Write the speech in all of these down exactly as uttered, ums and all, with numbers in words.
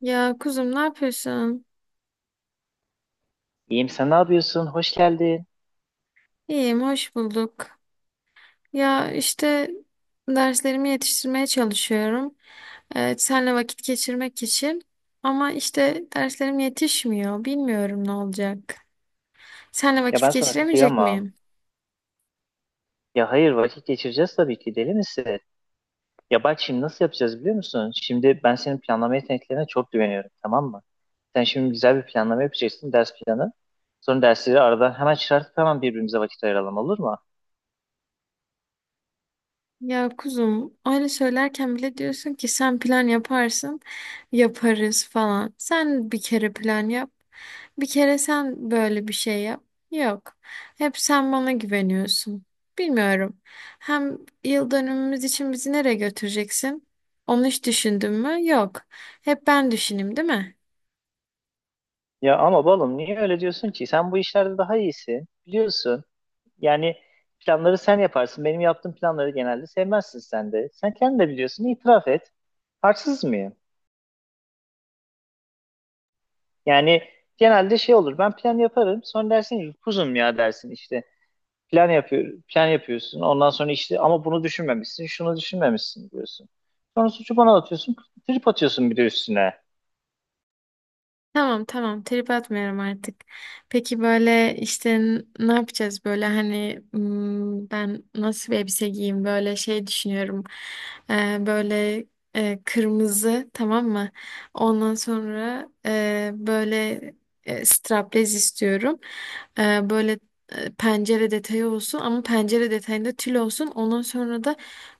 Ya kuzum ne yapıyorsun? İyiyim, sen ne yapıyorsun? Hoş geldin. İyiyim, hoş bulduk. Ya işte derslerimi yetiştirmeye çalışıyorum. Evet, senle vakit geçirmek için. Ama işte derslerim yetişmiyor. Bilmiyorum ne olacak. Senle Ya vakit ben sana geçiremeyecek kıyamam. miyim? Ya hayır, vakit geçireceğiz tabii ki, deli misin? Ya bak şimdi nasıl yapacağız biliyor musun? Şimdi ben senin planlama yeteneklerine çok güveniyorum, tamam mı? Sen şimdi güzel bir planlama yapacaksın, ders planı. Sonra dersleri aradan hemen çıkartıp hemen birbirimize vakit ayıralım, olur mu? Ya kuzum öyle söylerken bile diyorsun ki sen plan yaparsın yaparız falan. Sen bir kere plan yap. Bir kere sen böyle bir şey yap. Yok. Hep sen bana güveniyorsun. Bilmiyorum. Hem yıl dönümümüz için bizi nereye götüreceksin? Onu hiç düşündün mü? Yok. Hep ben düşüneyim, değil mi? Ya ama balım niye öyle diyorsun ki? Sen bu işlerde daha iyisin, biliyorsun. Yani planları sen yaparsın. Benim yaptığım planları genelde sevmezsin sen de. Sen kendin de biliyorsun, itiraf et. Haksız mıyım? Yani genelde şey olur. Ben plan yaparım. Sonra dersin ki kuzum ya, dersin işte. Plan yapıyor, plan yapıyorsun. Ondan sonra işte ama bunu düşünmemişsin, şunu düşünmemişsin diyorsun. Sonra suçu bana atıyorsun, trip atıyorsun bir de üstüne. Tamam tamam, trip atmıyorum artık. Peki böyle işte n- ne yapacağız böyle hani hmm, ben nasıl bir elbise giyeyim böyle şey düşünüyorum. Ee, böyle e, kırmızı, tamam mı? Ondan sonra e, böyle e, straplez istiyorum. Ee, böyle e, pencere detayı olsun, ama pencere detayında tül olsun. Ondan sonra da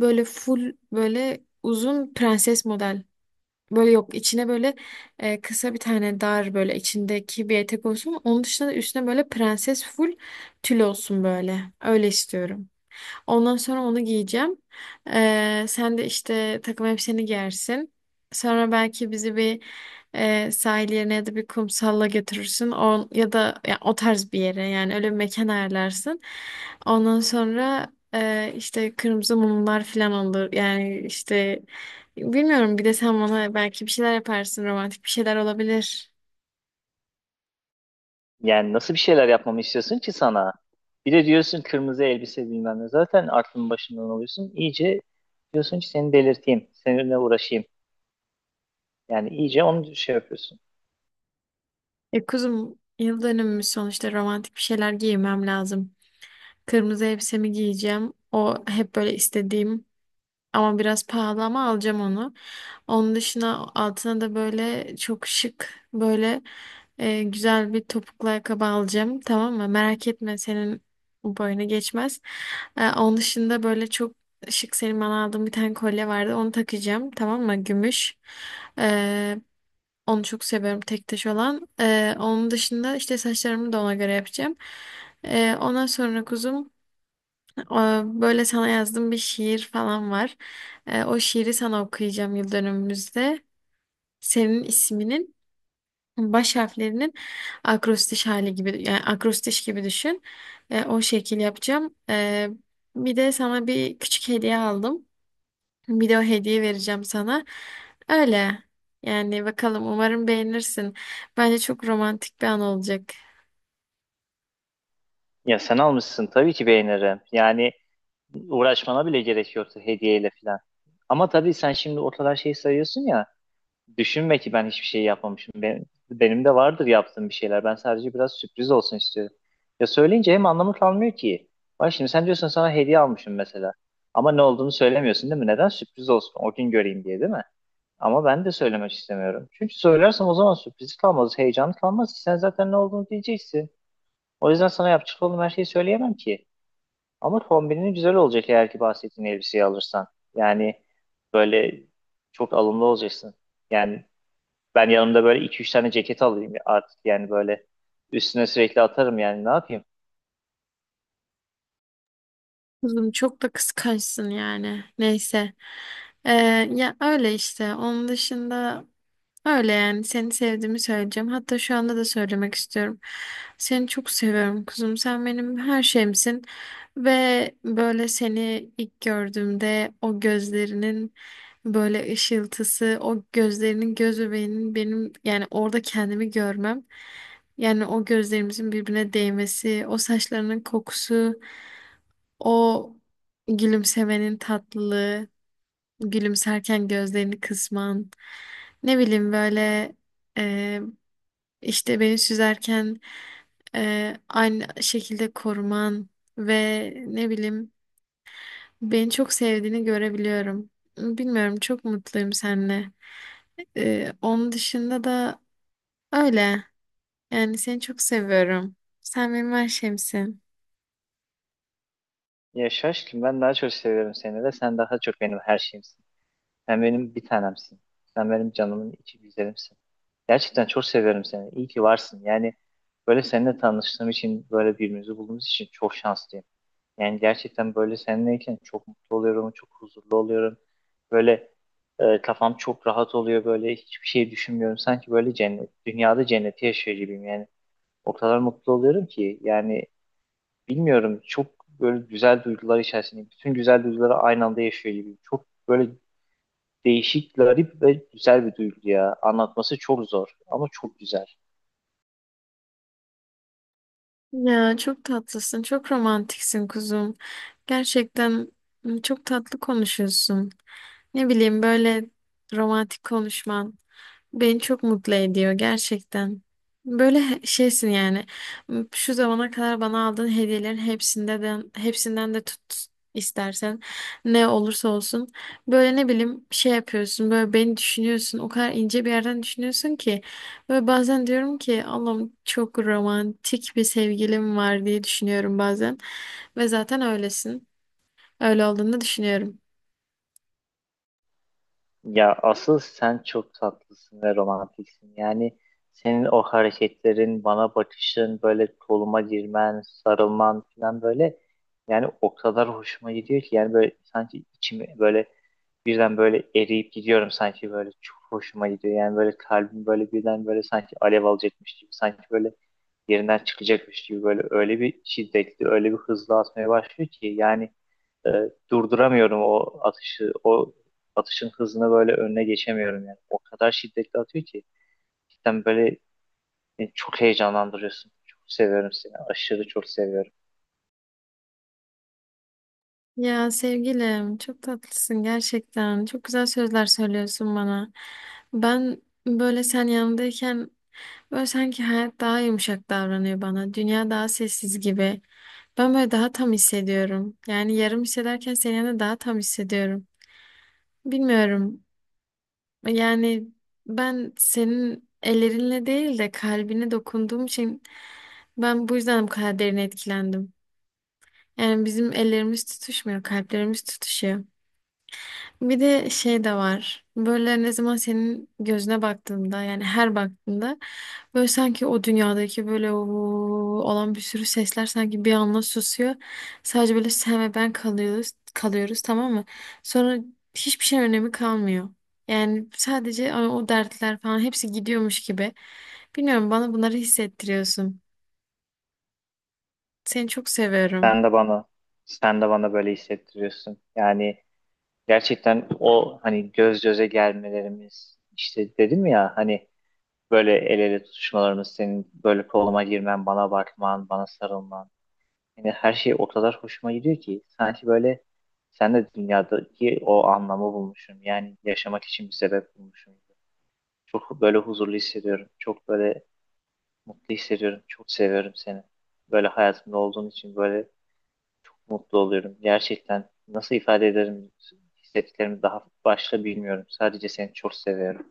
böyle full, böyle uzun prenses model. Böyle, yok, içine böyle e, kısa bir tane dar, böyle içindeki bir etek olsun. Onun dışında da üstüne böyle prenses full tül olsun böyle. Öyle istiyorum. Ondan sonra onu giyeceğim. Ee, sen de işte takım elbiseni giyersin. Sonra belki bizi bir e, sahil yerine ya da bir kumsalla götürürsün. O, ya da ya, o tarz bir yere, yani öyle bir mekan ayarlarsın. Ondan sonra e, işte kırmızı mumlar falan olur. Yani işte bilmiyorum, bir de sen bana belki bir şeyler yaparsın. Romantik bir şeyler olabilir. Yani nasıl bir şeyler yapmamı istiyorsun ki sana? Bir de diyorsun kırmızı elbise bilmem ne. Zaten aklın başından alıyorsun. İyice diyorsun ki seni delirteyim, seninle uğraşayım. Yani iyice onu şey yapıyorsun. E kuzum, yıl dönümümüz sonuçta, romantik bir şeyler giymem lazım. Kırmızı elbisemi giyeceğim. O hep böyle istediğim, ama biraz pahalı, ama alacağım onu. Onun dışında altına da böyle çok şık, böyle e, güzel bir topuklu ayakkabı alacağım. Tamam mı? Merak etme, senin boyuna geçmez. E, onun dışında böyle çok şık, senin bana aldığın bir tane kolye vardı. Onu takacağım. Tamam mı? Gümüş. E, onu çok seviyorum, tek taş olan. E, onun dışında işte saçlarımı da ona göre yapacağım. E, ondan sonra kuzum, ee, böyle sana yazdığım bir şiir falan var. Ee, O şiiri sana okuyacağım yıl dönümümüzde. Senin isminin baş harflerinin akrostiş hali gibi, yani akrostiş gibi düşün. Ee, O şekil yapacağım. Ee, Bir de sana bir küçük hediye aldım. Bir de o hediye vereceğim sana. Öyle. Yani bakalım, umarım beğenirsin. Bence çok romantik bir an olacak. Ya sen almışsın tabii ki beğenirim. Yani uğraşmana bile gerek yoktu hediyeyle falan. Ama tabii sen şimdi o kadar şey sayıyorsun ya. Düşünme ki ben hiçbir şey yapmamışım. Benim, benim de vardır yaptığım bir şeyler. Ben sadece biraz sürpriz olsun istiyorum. Ya söyleyince hem anlamı kalmıyor ki. Bak şimdi sen diyorsun sana hediye almışım mesela. Ama ne olduğunu söylemiyorsun, değil mi? Neden? Sürpriz olsun. O gün göreyim diye, değil mi? Ama ben de söylemek istemiyorum. Çünkü söylersem o zaman sürpriz kalmaz, heyecan kalmaz. Sen zaten ne olduğunu diyeceksin. O yüzden sana yapacak olduğum her şeyi söyleyemem ki. Ama kombinin güzel olacak eğer ki bahsettiğin elbiseyi alırsan. Yani böyle çok alımlı olacaksın. Yani ben yanımda böyle iki üç tane ceket alayım artık, yani böyle üstüne sürekli atarım, yani ne yapayım? Kızım, çok da kıskançsın yani. Neyse. Ee, Ya öyle işte. Onun dışında öyle yani. Seni sevdiğimi söyleyeceğim. Hatta şu anda da söylemek istiyorum. Seni çok seviyorum kuzum. Sen benim her şeyimsin. Ve böyle, seni ilk gördüğümde, o gözlerinin böyle ışıltısı, o gözlerinin göz bebeğinin, benim yani orada kendimi görmem. Yani o gözlerimizin birbirine değmesi, o saçlarının kokusu. O gülümsemenin tatlılığı, gülümserken gözlerini kısman, ne bileyim böyle e, işte beni süzerken e, aynı şekilde koruman, ve ne bileyim, beni çok sevdiğini görebiliyorum. Bilmiyorum, çok mutluyum seninle. E, onun dışında da öyle. Yani seni çok seviyorum. Sen benim her şeyimsin. Ya şaşkın, ben daha çok seviyorum seni de, sen daha çok benim her şeyimsin. Sen benim bir tanemsin. Sen benim canımın içi güzelimsin. Gerçekten çok seviyorum seni. İyi ki varsın. Yani böyle seninle tanıştığım için, böyle birbirimizi bulduğumuz için çok şanslıyım. Yani gerçekten böyle seninleyken çok mutlu oluyorum, çok huzurlu oluyorum. Böyle e, kafam çok rahat oluyor, böyle hiçbir şey düşünmüyorum. Sanki böyle cennet, dünyada cenneti yaşıyor gibiyim yani. O kadar mutlu oluyorum ki yani bilmiyorum, çok böyle güzel duygular içerisinde, bütün güzel duyguları aynı anda yaşıyor gibiyim. Çok böyle değişik, garip ve güzel bir duygu ya. Anlatması çok zor ama çok güzel. Ya çok tatlısın, çok romantiksin kuzum. Gerçekten m, çok tatlı konuşuyorsun. Ne bileyim, böyle romantik konuşman. Beni çok mutlu ediyor gerçekten. Böyle he- şeysin yani. M- Şu zamana kadar bana aldığın hediyelerin hepsinde de, hepsinden de tut, istersen, ne olursa olsun böyle, ne bileyim, şey yapıyorsun, böyle beni düşünüyorsun, o kadar ince bir yerden düşünüyorsun ki böyle bazen diyorum ki Allah'ım, çok romantik bir sevgilim var diye düşünüyorum bazen, ve zaten öylesin, öyle olduğunu düşünüyorum. Ya asıl sen çok tatlısın ve romantiksin. Yani senin o hareketlerin, bana bakışın, böyle koluma girmen, sarılman falan, böyle yani o kadar hoşuma gidiyor ki, yani böyle sanki içimi böyle birden böyle eriyip gidiyorum sanki, böyle çok hoşuma gidiyor. Yani böyle kalbim böyle birden böyle sanki alev alacakmış gibi, sanki böyle yerinden çıkacakmış gibi, böyle öyle bir şiddetli, öyle bir hızlı atmaya başlıyor ki yani e, durduramıyorum o atışı, o atışın hızına böyle önüne geçemiyorum yani. O kadar şiddetli atıyor ki cidden böyle beni çok heyecanlandırıyorsun. Çok seviyorum seni. Aşırı çok seviyorum. Ya sevgilim, çok tatlısın gerçekten. Çok güzel sözler söylüyorsun bana. Ben böyle, sen yanındayken böyle, sanki hayat daha yumuşak davranıyor bana. Dünya daha sessiz gibi. Ben böyle daha tam hissediyorum. Yani yarım hissederken, senin yanında daha tam hissediyorum. Bilmiyorum. Yani ben senin ellerinle değil de kalbine dokunduğum için, ben bu yüzden bu kadar derin etkilendim. Yani bizim ellerimiz tutuşmuyor, kalplerimiz tutuşuyor. Bir de şey de var. Böyle ne zaman senin gözüne baktığında yani her baktığında böyle, sanki o dünyadaki böyle o olan bir sürü sesler sanki bir anda susuyor. Sadece böyle sen ve ben kalıyoruz, kalıyoruz, tamam mı? Sonra hiçbir şey önemi kalmıyor. Yani sadece o o dertler falan, hepsi gidiyormuş gibi. Bilmiyorum, bana bunları hissettiriyorsun. Seni çok seviyorum. Sen de bana sen de bana böyle hissettiriyorsun. Yani gerçekten o hani göz göze gelmelerimiz, işte dedim ya hani, böyle el ele tutuşmalarımız, senin böyle koluma girmen, bana bakman, bana sarılman. Yani her şey o kadar hoşuma gidiyor ki, sanki böyle sen de dünyadaki o anlamı bulmuşum. Yani yaşamak için bir sebep bulmuşum. Çok böyle huzurlu hissediyorum. Çok böyle mutlu hissediyorum. Çok seviyorum seni. Böyle hayatımda olduğun için böyle çok mutlu oluyorum. Gerçekten nasıl ifade ederim hissettiklerimi daha başta bilmiyorum. Sadece seni çok seviyorum.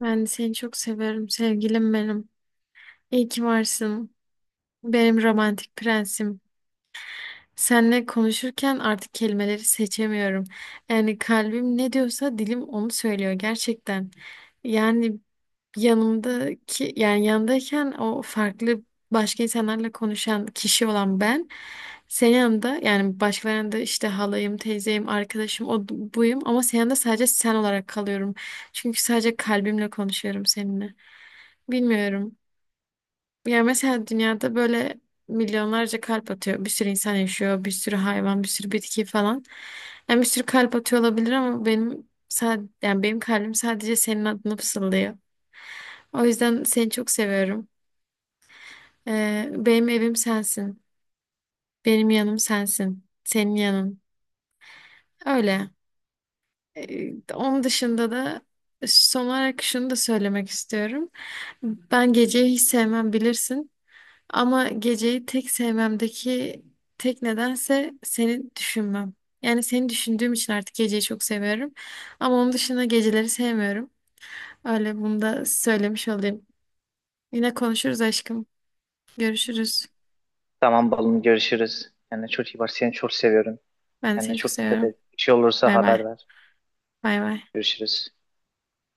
Ben de seni çok seviyorum sevgilim benim. İyi ki varsın. Benim romantik prensim. Seninle konuşurken artık kelimeleri seçemiyorum. Yani kalbim ne diyorsa dilim onu söylüyor gerçekten. Yani yanımdaki, yani yanındayken o farklı, başka insanlarla konuşan kişi olan ben, senin yanında, yani başkalarının yanında işte halayım, teyzeyim, arkadaşım, o buyum, ama senin yanında sadece sen olarak kalıyorum. Çünkü sadece kalbimle konuşuyorum seninle. Bilmiyorum. Ya mesela dünyada böyle milyonlarca kalp atıyor. Bir sürü insan yaşıyor, bir sürü hayvan, bir sürü bitki falan. Yani bir sürü kalp atıyor olabilir, ama benim sadece, yani benim kalbim sadece senin adını fısıldıyor. O yüzden seni çok seviyorum. Ee, benim evim sensin. Benim yanım sensin. Senin yanın. Öyle. Ee, onun dışında da son olarak şunu da söylemek istiyorum. Ben geceyi hiç sevmem, bilirsin. Ama geceyi tek sevmemdeki tek nedense seni düşünmem. Yani seni düşündüğüm için artık geceyi çok seviyorum. Ama onun dışında geceleri sevmiyorum. Öyle, bunu da söylemiş olayım. Yine konuşuruz aşkım. Görüşürüz. Tamam balım, görüşürüz. Kendine çok iyi bak. Seni çok seviyorum. Ben de Kendine seni çok çok dikkat seviyorum. et. Bir şey olursa Bay bay. haber ver. Bay bay. Görüşürüz.